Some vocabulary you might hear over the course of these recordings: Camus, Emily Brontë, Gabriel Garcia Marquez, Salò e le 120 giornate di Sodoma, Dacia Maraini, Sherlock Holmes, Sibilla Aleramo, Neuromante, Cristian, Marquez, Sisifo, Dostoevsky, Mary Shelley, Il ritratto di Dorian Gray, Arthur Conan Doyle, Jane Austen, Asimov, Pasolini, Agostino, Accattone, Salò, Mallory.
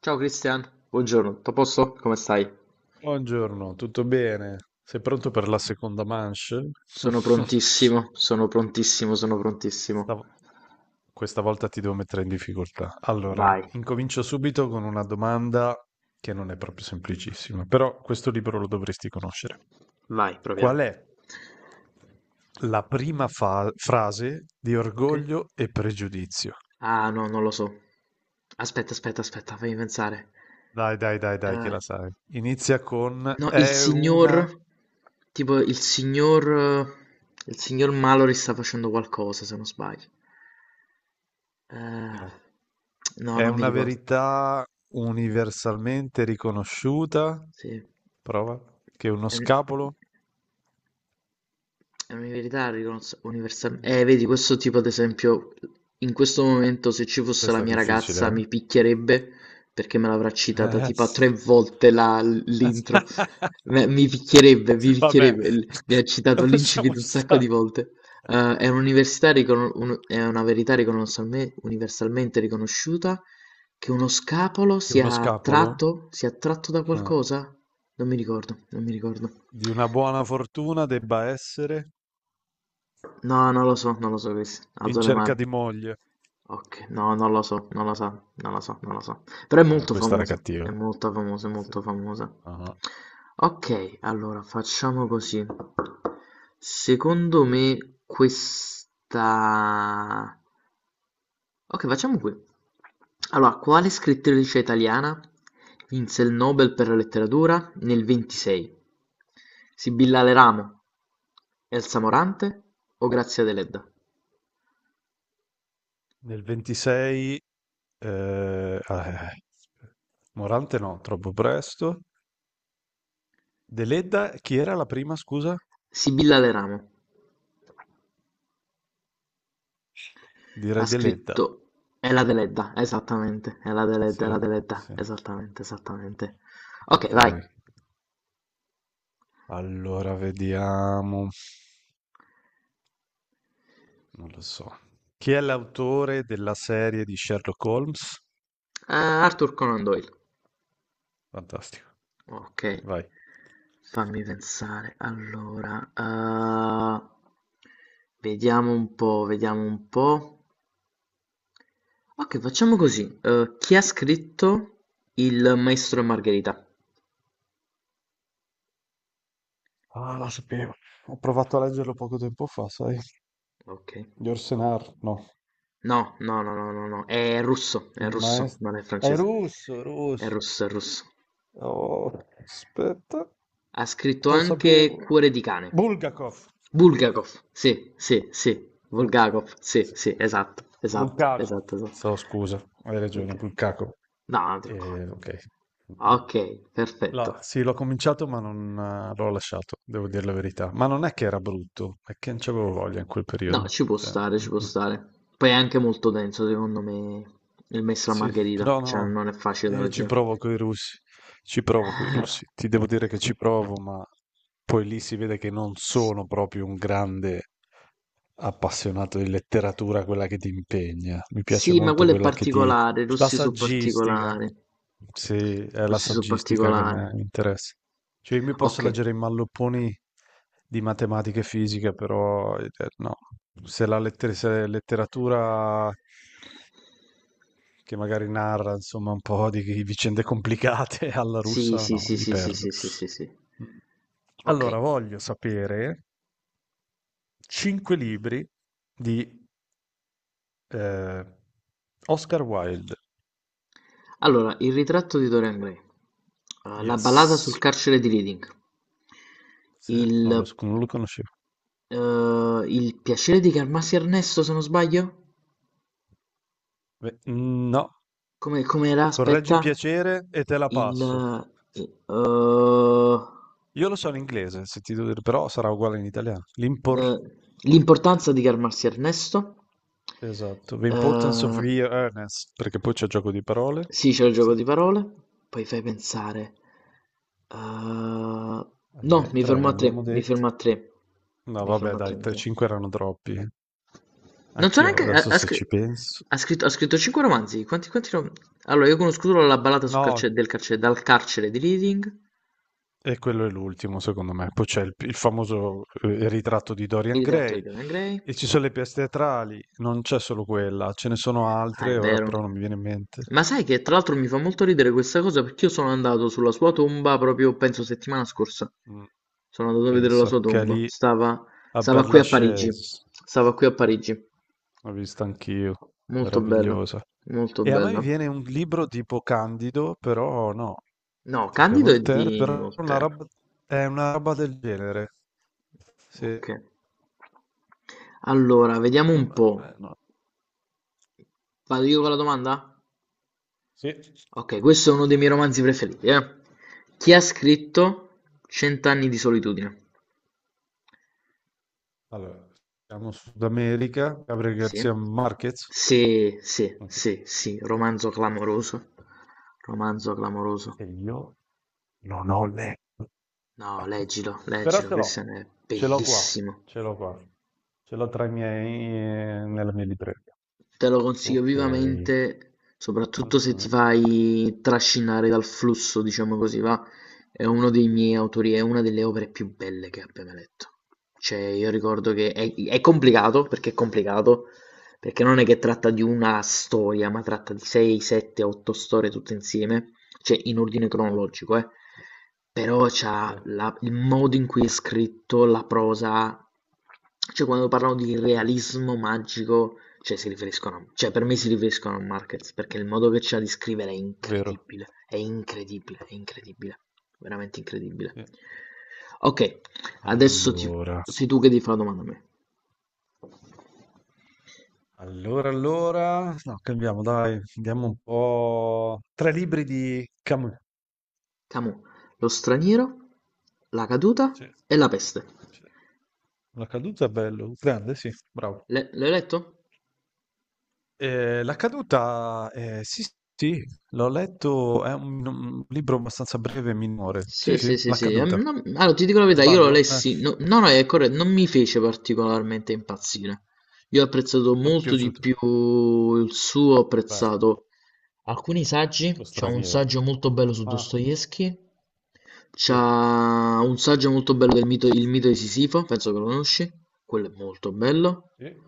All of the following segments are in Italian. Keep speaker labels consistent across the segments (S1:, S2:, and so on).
S1: Ciao Cristian, buongiorno, tutto a posto? Come stai?
S2: Buongiorno, tutto bene? Sei pronto per la seconda manche?
S1: Sono prontissimo, sono prontissimo, sono prontissimo.
S2: Stavo- Questa volta ti devo mettere in difficoltà. Allora,
S1: Vai,
S2: incomincio subito con una domanda che non è proprio semplicissima, però questo libro lo dovresti conoscere.
S1: vai,
S2: Qual
S1: proviamo.
S2: è la prima frase di
S1: Ok?
S2: Orgoglio e Pregiudizio?
S1: Ah, no, non lo so. Aspetta, aspetta, aspetta, fammi pensare.
S2: Dai, dai, dai, dai, che
S1: Eh,
S2: la sai. Inizia con
S1: no, il
S2: è una.
S1: signor, tipo il signor Mallory sta facendo qualcosa, se non sbaglio. Eh,
S2: No.
S1: no,
S2: È
S1: non mi
S2: una
S1: ricordo.
S2: verità universalmente riconosciuta.
S1: Sì.
S2: Prova. Che uno
S1: Ehm,
S2: scapolo.
S1: È un'verità ricons- universal- vedi, questo tipo, ad esempio, in questo momento se ci fosse la
S2: Questa è
S1: mia ragazza
S2: difficile.
S1: mi picchierebbe perché me l'avrà citata
S2: eh.
S1: tipo a 3 volte l'intro. Mi picchierebbe, mi
S2: Vabbè,
S1: picchierebbe. Mi ha citato
S2: lasciamo
S1: l'incipit un sacco di
S2: stare.
S1: volte. È un'università ricon- un- è una verità riconoscialme- universalmente riconosciuta che uno scapolo
S2: Che uno scapolo
S1: sia attratto da
S2: eh,
S1: qualcosa? Non mi ricordo, non mi ricordo.
S2: di una buona fortuna debba essere
S1: No, non lo so, non lo so, Chris.
S2: in
S1: Alzo le
S2: cerca
S1: mani.
S2: di moglie.
S1: Ok, no, non lo so, non lo so, non lo so, non lo so. Però è
S2: No,
S1: molto
S2: questa era
S1: famosa,
S2: cattiva.
S1: è molto famosa, è
S2: Sì.
S1: molto famosa.
S2: Ah.
S1: Ok, allora facciamo così. Secondo me questa... Ok, facciamo qui. Allora, quale scrittrice italiana vinse il Nobel per la letteratura nel 26? Sibilla Aleramo, Elsa Morante o Grazia Deledda?
S2: Nel 26, eh, ah, eh, Morante no, troppo presto. Deledda, chi era la prima, scusa?
S1: Sibilla Leramo ha
S2: Direi Deledda.
S1: scritto "Ela Deledda", esattamente, "Ela
S2: Sì,
S1: Deledda, Ela Deledda",
S2: sì.
S1: esattamente, esattamente. Ok,
S2: Ok.
S1: vai.
S2: Allora vediamo. Non lo so. Chi è l'autore della serie di Sherlock Holmes?
S1: Arthur Conan Doyle.
S2: Fantastico.
S1: Ok,
S2: Vai.
S1: fammi pensare. Allora, vediamo un po', vediamo un po'. Ok, facciamo così. Chi ha scritto Il
S2: Sì.
S1: Maestro e Margherita?
S2: Ah, la sapevo. Ho provato a leggerlo poco tempo fa, sai?
S1: Ok.
S2: Yorsenar, no.
S1: No, no, no, no, no, no, è
S2: Il
S1: russo,
S2: maestro.
S1: non è
S2: È
S1: francese.
S2: russo,
S1: È
S2: russo.
S1: russo, è russo.
S2: Oh, aspetta.
S1: Ha scritto
S2: Lo
S1: anche
S2: sapevo.
S1: "Cuore di cane",
S2: Bulgakov.
S1: "Bulgakov", sì, sì, sì,
S2: Sì.
S1: Bulgakov,
S2: Sì,
S1: sì,
S2: sì, sì,
S1: sì,
S2: sì.
S1: esatto, esatto,
S2: Bulcaco.
S1: esatto, esatto.
S2: So, scusa, hai ragione,
S1: Okay.
S2: Bulcaco.
S1: No, non ti preoccupare.
S2: Ok. Mhm.
S1: Ok,
S2: No,
S1: perfetto.
S2: sì, l'ho cominciato ma non l'ho lasciato, devo dire la verità. Ma non è che era brutto, è che non c'avevo voglia in quel
S1: No,
S2: periodo.
S1: ci può
S2: Cioè,
S1: stare,
S2: mm,
S1: ci può
S2: mm.
S1: stare. Poi è anche molto denso, secondo me, il Maestro e la
S2: Sì,
S1: Margherita,
S2: però
S1: cioè
S2: no,
S1: non è facile da
S2: io ci
S1: leggere.
S2: provo coi russi, ci provo coi russi. Ti devo dire che ci provo, ma poi lì si vede che non
S1: Sì.
S2: sono proprio un grande. Appassionato di letteratura quella che ti impegna. Mi piace
S1: Sì, ma
S2: molto
S1: quello è
S2: quella che ti.
S1: particolare,
S2: La
S1: rossi su
S2: saggistica.
S1: particolare.
S2: Sì, è la
S1: Rossi su
S2: saggistica che mi
S1: particolare.
S2: mi interessa. Cioè, io mi posso
S1: Ok.
S2: leggere i mallopponi di matematica e fisica, però no. Se letteratura che magari narra, insomma, un po' di vicende complicate alla
S1: Sì,
S2: russa,
S1: sì,
S2: no,
S1: sì,
S2: mi
S1: sì, sì,
S2: perdo.
S1: sì, sì, sì, sì. Ok.
S2: Allora, voglio sapere cinque libri di Ehm, Oscar Wilde,
S1: Allora, il ritratto di Dorian Gray. La ballata sul
S2: yes.
S1: carcere di Reading.
S2: Sì,
S1: Il,
S2: non lo conoscevo.
S1: il piacere di calmarsi Ernesto, se non sbaglio?
S2: Beh, no,
S1: Come, com'era?
S2: correggi
S1: Aspetta.
S2: piacere e te la passo.
S1: Il... eh, eh,
S2: Io lo so in inglese, se ti devo dire, però sarà uguale in italiano. L'impor
S1: Ehm, L'importanza di calmarsi Ernesto.
S2: esatto, "The importance of
S1: Ehm
S2: the earnest", perché poi c'è gioco di parole.
S1: Sì, c'è il
S2: Sì.
S1: gioco di parole, poi fai pensare. Ehm,
S2: Allora,
S1: no, mi
S2: 3
S1: fermo
S2: ne
S1: a
S2: abbiamo
S1: tre, mi
S2: detti.
S1: fermo a tre.
S2: No
S1: Mi
S2: vabbè
S1: fermo a tre,
S2: dai,
S1: mi
S2: te
S1: sa.
S2: 5 erano troppi.
S1: Non so
S2: Anch'io
S1: neanche...
S2: adesso se ci penso,
S1: ha scritto 5 romanzi. Quanti, allora, io conosco solo la ballata
S2: no.
S1: del carcere, dal carcere di Reading,
S2: E quello è l'ultimo, secondo me. Poi c'è il famoso ritratto di
S1: il
S2: Dorian
S1: ritratto di
S2: Gray
S1: Dorian Gray.
S2: e ci sono le pièce teatrali, non c'è solo quella, ce ne sono
S1: Ah, è
S2: altre, ora
S1: vero.
S2: però non mi viene in mente.
S1: Ma sai che tra l'altro mi fa molto ridere questa cosa perché io sono andato sulla sua tomba proprio, penso, settimana scorsa.
S2: Mm,
S1: Sono andato a vedere la sua
S2: pensa, che è
S1: tomba.
S2: lì a
S1: Stava
S2: Père
S1: qui a Parigi.
S2: Lachaise,
S1: Stava qui a Parigi.
S2: l'ho vista anch'io,
S1: Molto bella,
S2: meravigliosa.
S1: molto
S2: E a me mi
S1: bella.
S2: viene un libro tipo Candido, però no,
S1: No,
S2: perché è
S1: Candido è
S2: Voltaire,
S1: di
S2: però una
S1: Voltaire.
S2: roba- è una roba del genere. Sì.
S1: Ok. Allora, vediamo
S2: No,
S1: un po'.
S2: no.
S1: Vado io con la domanda?
S2: Sì.
S1: Ok, questo è uno dei miei romanzi preferiti, eh. Chi ha scritto Cent'anni di solitudine?
S2: Allora, siamo Sud America, Gabriel
S1: Sì,
S2: Garcia Marquez.
S1: sì, sì,
S2: Ok.
S1: sì, sì, romanzo clamoroso, romanzo clamoroso.
S2: E io non ho letto.
S1: No, leggilo,
S2: Però
S1: leggilo, Christian è
S2: ce l'ho qua,
S1: bellissimo.
S2: ce l'ho qua. Ce l'ho tra i miei, nella mia libreria.
S1: Te lo consiglio
S2: Ok.
S1: vivamente, soprattutto se ti
S2: Mhm.
S1: fai trascinare dal flusso, diciamo così, va. È uno dei miei autori, è una delle opere più belle che abbia mai letto. Cioè, io ricordo che è complicato, perché non è che tratta di una storia, ma tratta di 6, 7, 8 storie tutte insieme, cioè in ordine
S2: Sì,
S1: cronologico, eh. Però
S2: sì,
S1: c'ha il modo in cui è scritto, la prosa, cioè quando parlano di
S2: sì.
S1: realismo magico, cioè si riferiscono, cioè per me si riferiscono a Marquez, perché il modo che c'ha di scrivere è
S2: Vero.
S1: incredibile, è incredibile, è incredibile, veramente incredibile.
S2: Sì.
S1: Ok, adesso ti,
S2: Allora,
S1: sei tu che ti fa la domanda a me.
S2: no, cambiamo, dai, andiamo un po'. Tre libri di Camus.
S1: Camus, lo straniero, la caduta
S2: Sì,
S1: e la peste.
S2: sì. La caduta è bello, grande, sì, bravo.
S1: L'hai letto?
S2: La caduta, sì, sì, l'ho letto, è un libro abbastanza breve e minore. Sì,
S1: Sì, sì,
S2: sì,
S1: sì,
S2: La
S1: sì.
S2: caduta.
S1: Allora, ti dico la verità, io lo
S2: Sbaglio? Eh,
S1: lessi, no, no, no, è corretto, non mi fece particolarmente impazzire. Io ho apprezzato
S2: a me è
S1: molto di
S2: piaciuto.
S1: più il suo, ho
S2: Vabbè,
S1: apprezzato alcuni saggi,
S2: lo
S1: c'è un
S2: straniero.
S1: saggio molto bello su
S2: Ah,
S1: Dostoevsky, c'è
S2: sì,
S1: un saggio molto bello del mito, il mito di Sisifo, penso che lo conosci, quello è molto bello.
S2: sì,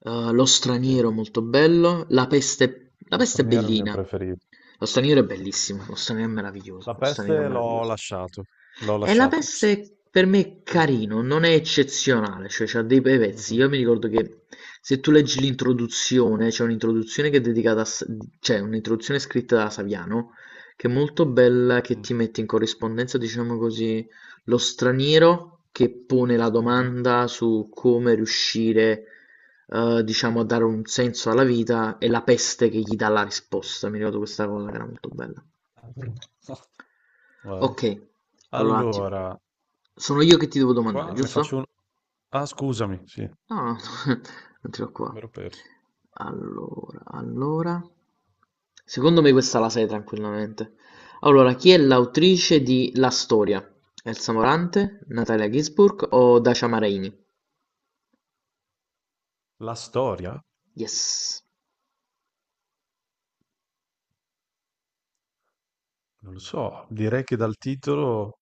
S1: Lo
S2: sì,
S1: straniero molto bello, la
S2: lo
S1: peste è
S2: straniero è il mio
S1: bellina.
S2: preferito.
S1: Lo straniero è bellissimo,
S2: Mm.
S1: lo straniero è meraviglioso,
S2: La
S1: lo straniero è
S2: peste l'ho
S1: meraviglioso.
S2: lasciato, l'ho
S1: E la
S2: lasciato.
S1: peste per me è
S2: Mm.
S1: carino, non è eccezionale, cioè c'ha dei bei pezzi.
S2: Mhm,
S1: Io mi ricordo che se tu leggi l'introduzione, c'è un'introduzione che è dedicata cioè un'introduzione scritta da Saviano, che è molto bella, che
S2: mm,
S1: ti mette in corrispondenza, diciamo così, lo straniero che pone la
S2: mhm.
S1: domanda su come riuscire diciamo, a dare un senso alla vita e la peste che gli dà la risposta. Mi ricordo questa cosa che era molto bella.
S2: Vai.
S1: Ok, allora un attimo.
S2: Allora,
S1: Sono io che ti devo domandare,
S2: qua ne faccio.
S1: giusto?
S2: Ah, scusami, sì, mi
S1: No, no, non ce l'ho qua.
S2: ero perso.
S1: Allora, allora. Secondo me questa la sai tranquillamente. Allora, chi è l'autrice di La storia? Elsa Morante, Natalia Gisburg o Dacia Maraini?
S2: La storia?
S1: Yes.
S2: Non lo so, direi che dal titolo,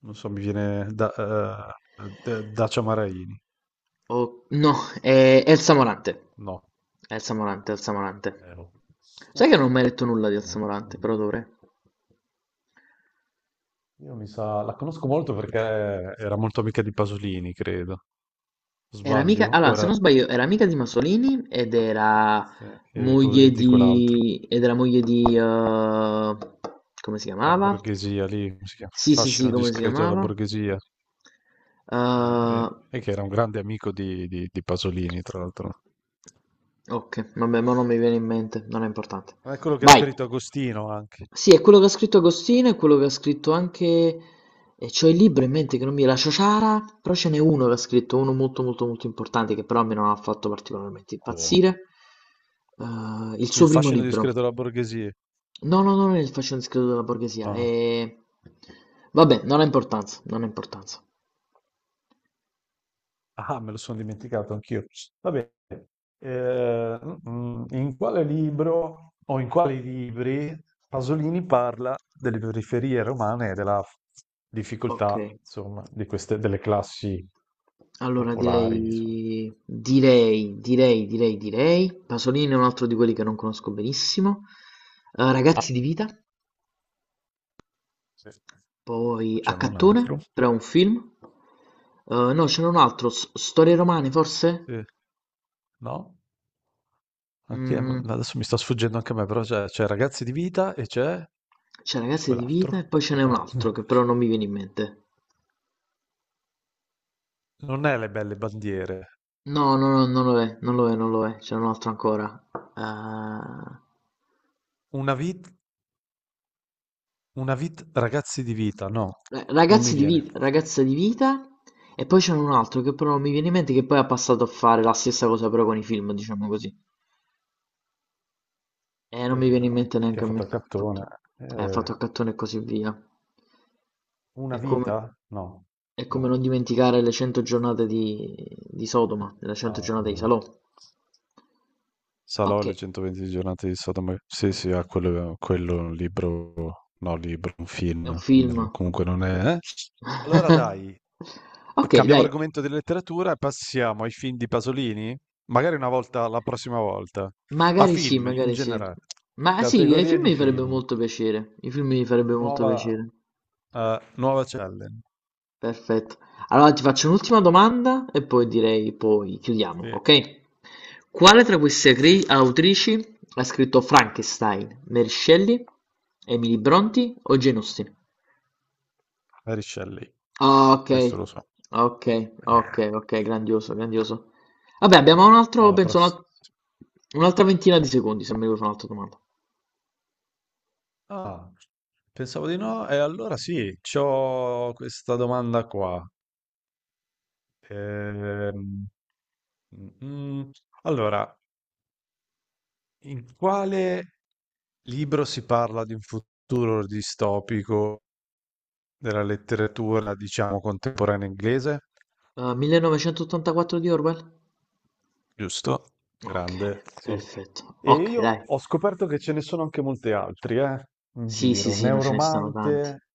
S2: non so, mi viene Dacia Maraini.
S1: Oh, no, è Elsa Morante.
S2: No.
S1: Elsa Morante, Elsa Morante.
S2: Oh.
S1: Sai che non ho mai letto nulla di
S2: No.
S1: Elsa Morante, però dovrei.
S2: Io mi sa, la conosco molto perché era molto amica di Pasolini, credo.
S1: Era amica,
S2: Sbaglio?
S1: allora, se
S2: Ora,
S1: non sbaglio, era amica di Masolini ed era
S2: sì, e, po-
S1: moglie
S2: e di quell'altro,
S1: di... ed era moglie di... come si
S2: la
S1: chiamava?
S2: borghesia lì, come si chiama? Il
S1: Sì, sì, sì,
S2: fascino
S1: come si
S2: discreto della
S1: chiamava?
S2: borghesia. Eh,
S1: Eh,
S2: bene. E che era un grande amico di Pasolini, tra l'altro.
S1: Okay, vabbè mo non mi viene in mente, non è importante.
S2: Ma è quello che ha
S1: Vai!
S2: scritto Agostino anche.
S1: Sì, è quello che ha scritto Agostino, è quello che ha scritto anche... E c'ho il libro in mente che non mi... La Ciociara, però ce n'è uno che ha scritto, uno molto molto molto importante, che però a me non ha fatto particolarmente
S2: Oh.
S1: impazzire. Il
S2: Il
S1: suo primo
S2: fascino
S1: libro.
S2: discreto della borghesia.
S1: No, no, no, non è il fascino discreto della borghesia,
S2: No.
S1: è... Vabbè, non ha importanza, non ha importanza.
S2: Ah, me lo sono dimenticato anch'io. Va bene. Eh, in quale libro o in quali libri Pasolini parla delle periferie romane e della
S1: Ok.
S2: difficoltà, insomma, di queste, delle classi
S1: Allora
S2: popolari, insomma.
S1: direi direi, direi, direi, direi Pasolini è un altro di quelli che non conosco benissimo. Ragazzi di vita,
S2: Sì.
S1: poi
S2: C'era un altro.
S1: Accattone, però è un film. No, ce n'è un altro, Storie romane forse?
S2: Sì. No? Anche
S1: Mm,
S2: adesso mi sta sfuggendo anche a me, però c'è Ragazzi di vita e c'è,
S1: c'è
S2: e
S1: Ragazzi di vita e
S2: quell'altro.
S1: poi ce n'è un altro che però non mi viene in mente.
S2: Non è le belle bandiere.
S1: No, no, no, non lo è, non lo è, non lo è, c'è un altro ancora. Eh,
S2: Una vita, ragazzi di vita, no, non mi
S1: Ragazzi di vita,
S2: viene.
S1: ragazza di vita. E poi c'era un altro che però non mi viene in mente che poi ha passato a fare la stessa cosa però con i film, diciamo così. E
S2: È
S1: non mi viene in
S2: vero,
S1: mente
S2: perché ha
S1: neanche a
S2: fatto
S1: me,
S2: il cartone.
S1: purtroppo. Ha fatto a
S2: Eh,
S1: cattone e così via.
S2: una
S1: È come,
S2: vita? No,
S1: è
S2: no.
S1: come non dimenticare le 100 giornate di Sodoma, le 100
S2: Ah,
S1: giornate di
S2: no.
S1: Salò.
S2: Salò e
S1: Ok,
S2: le 120 giornate di Sodoma. Sì, sì, ha quello, quello è un libro, no, libro, un
S1: è un
S2: film. Bello.
S1: film.
S2: Comunque non è. Allora dai,
S1: Ok,
S2: cambiamo
S1: dai.
S2: argomento di letteratura e passiamo ai film di Pasolini, magari una volta, la prossima volta, a
S1: Magari sì,
S2: film in
S1: magari sì.
S2: generale.
S1: Ma sì, ai
S2: Categorie
S1: film
S2: di
S1: mi farebbe
S2: film,
S1: molto piacere. I film mi farebbe molto
S2: nuova,
S1: piacere.
S2: nuova challenge.
S1: Perfetto. Allora ti faccio un'ultima domanda e poi direi, poi chiudiamo,
S2: Sì,
S1: ok? Quale tra queste acri-
S2: sì,
S1: autrici ha scritto Frankenstein? Mary Shelley, Emily Brontë o Jane Austen?
S2: Mary Shelley,
S1: Ah, ok,
S2: questo lo so.
S1: ok, ok, ok, grandioso, grandioso. Vabbè, abbiamo un altro,
S2: Alla
S1: penso,
S2: prossima.
S1: un'altra 20 di secondi se mi vuoi fare un'altra domanda.
S2: Ah, pensavo di no, e allora sì, c'ho questa domanda qua. Ehm, mm, mm. Allora, in quale libro si parla di un futuro distopico della letteratura, diciamo, contemporanea inglese,
S1: 1984 di Orwell?
S2: giusto?
S1: Okay,
S2: Grande. Sì.
S1: perfetto.
S2: E
S1: Okay,
S2: io
S1: dai.
S2: ho scoperto che ce ne sono anche molti altri, in
S1: Sì, sì,
S2: giro.
S1: sì, no, ce ne stanno tanti.
S2: Neuromante,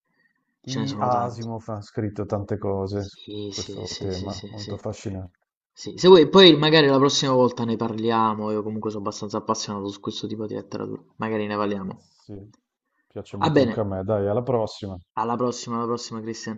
S1: Ce ne
S2: I
S1: sono tanti.
S2: Asimov ha scritto tante cose su
S1: Sì, sì,
S2: questo
S1: sì, sì,
S2: tema,
S1: sì,
S2: molto
S1: sì.
S2: affascinante.
S1: Sì, se vuoi poi magari la prossima volta ne parliamo, io comunque sono abbastanza appassionato su questo tipo di letteratura. Magari ne parliamo.
S2: Sì, piace
S1: Va
S2: molto anche
S1: bene,
S2: a me. Dai, alla prossima.
S1: alla prossima, Christian.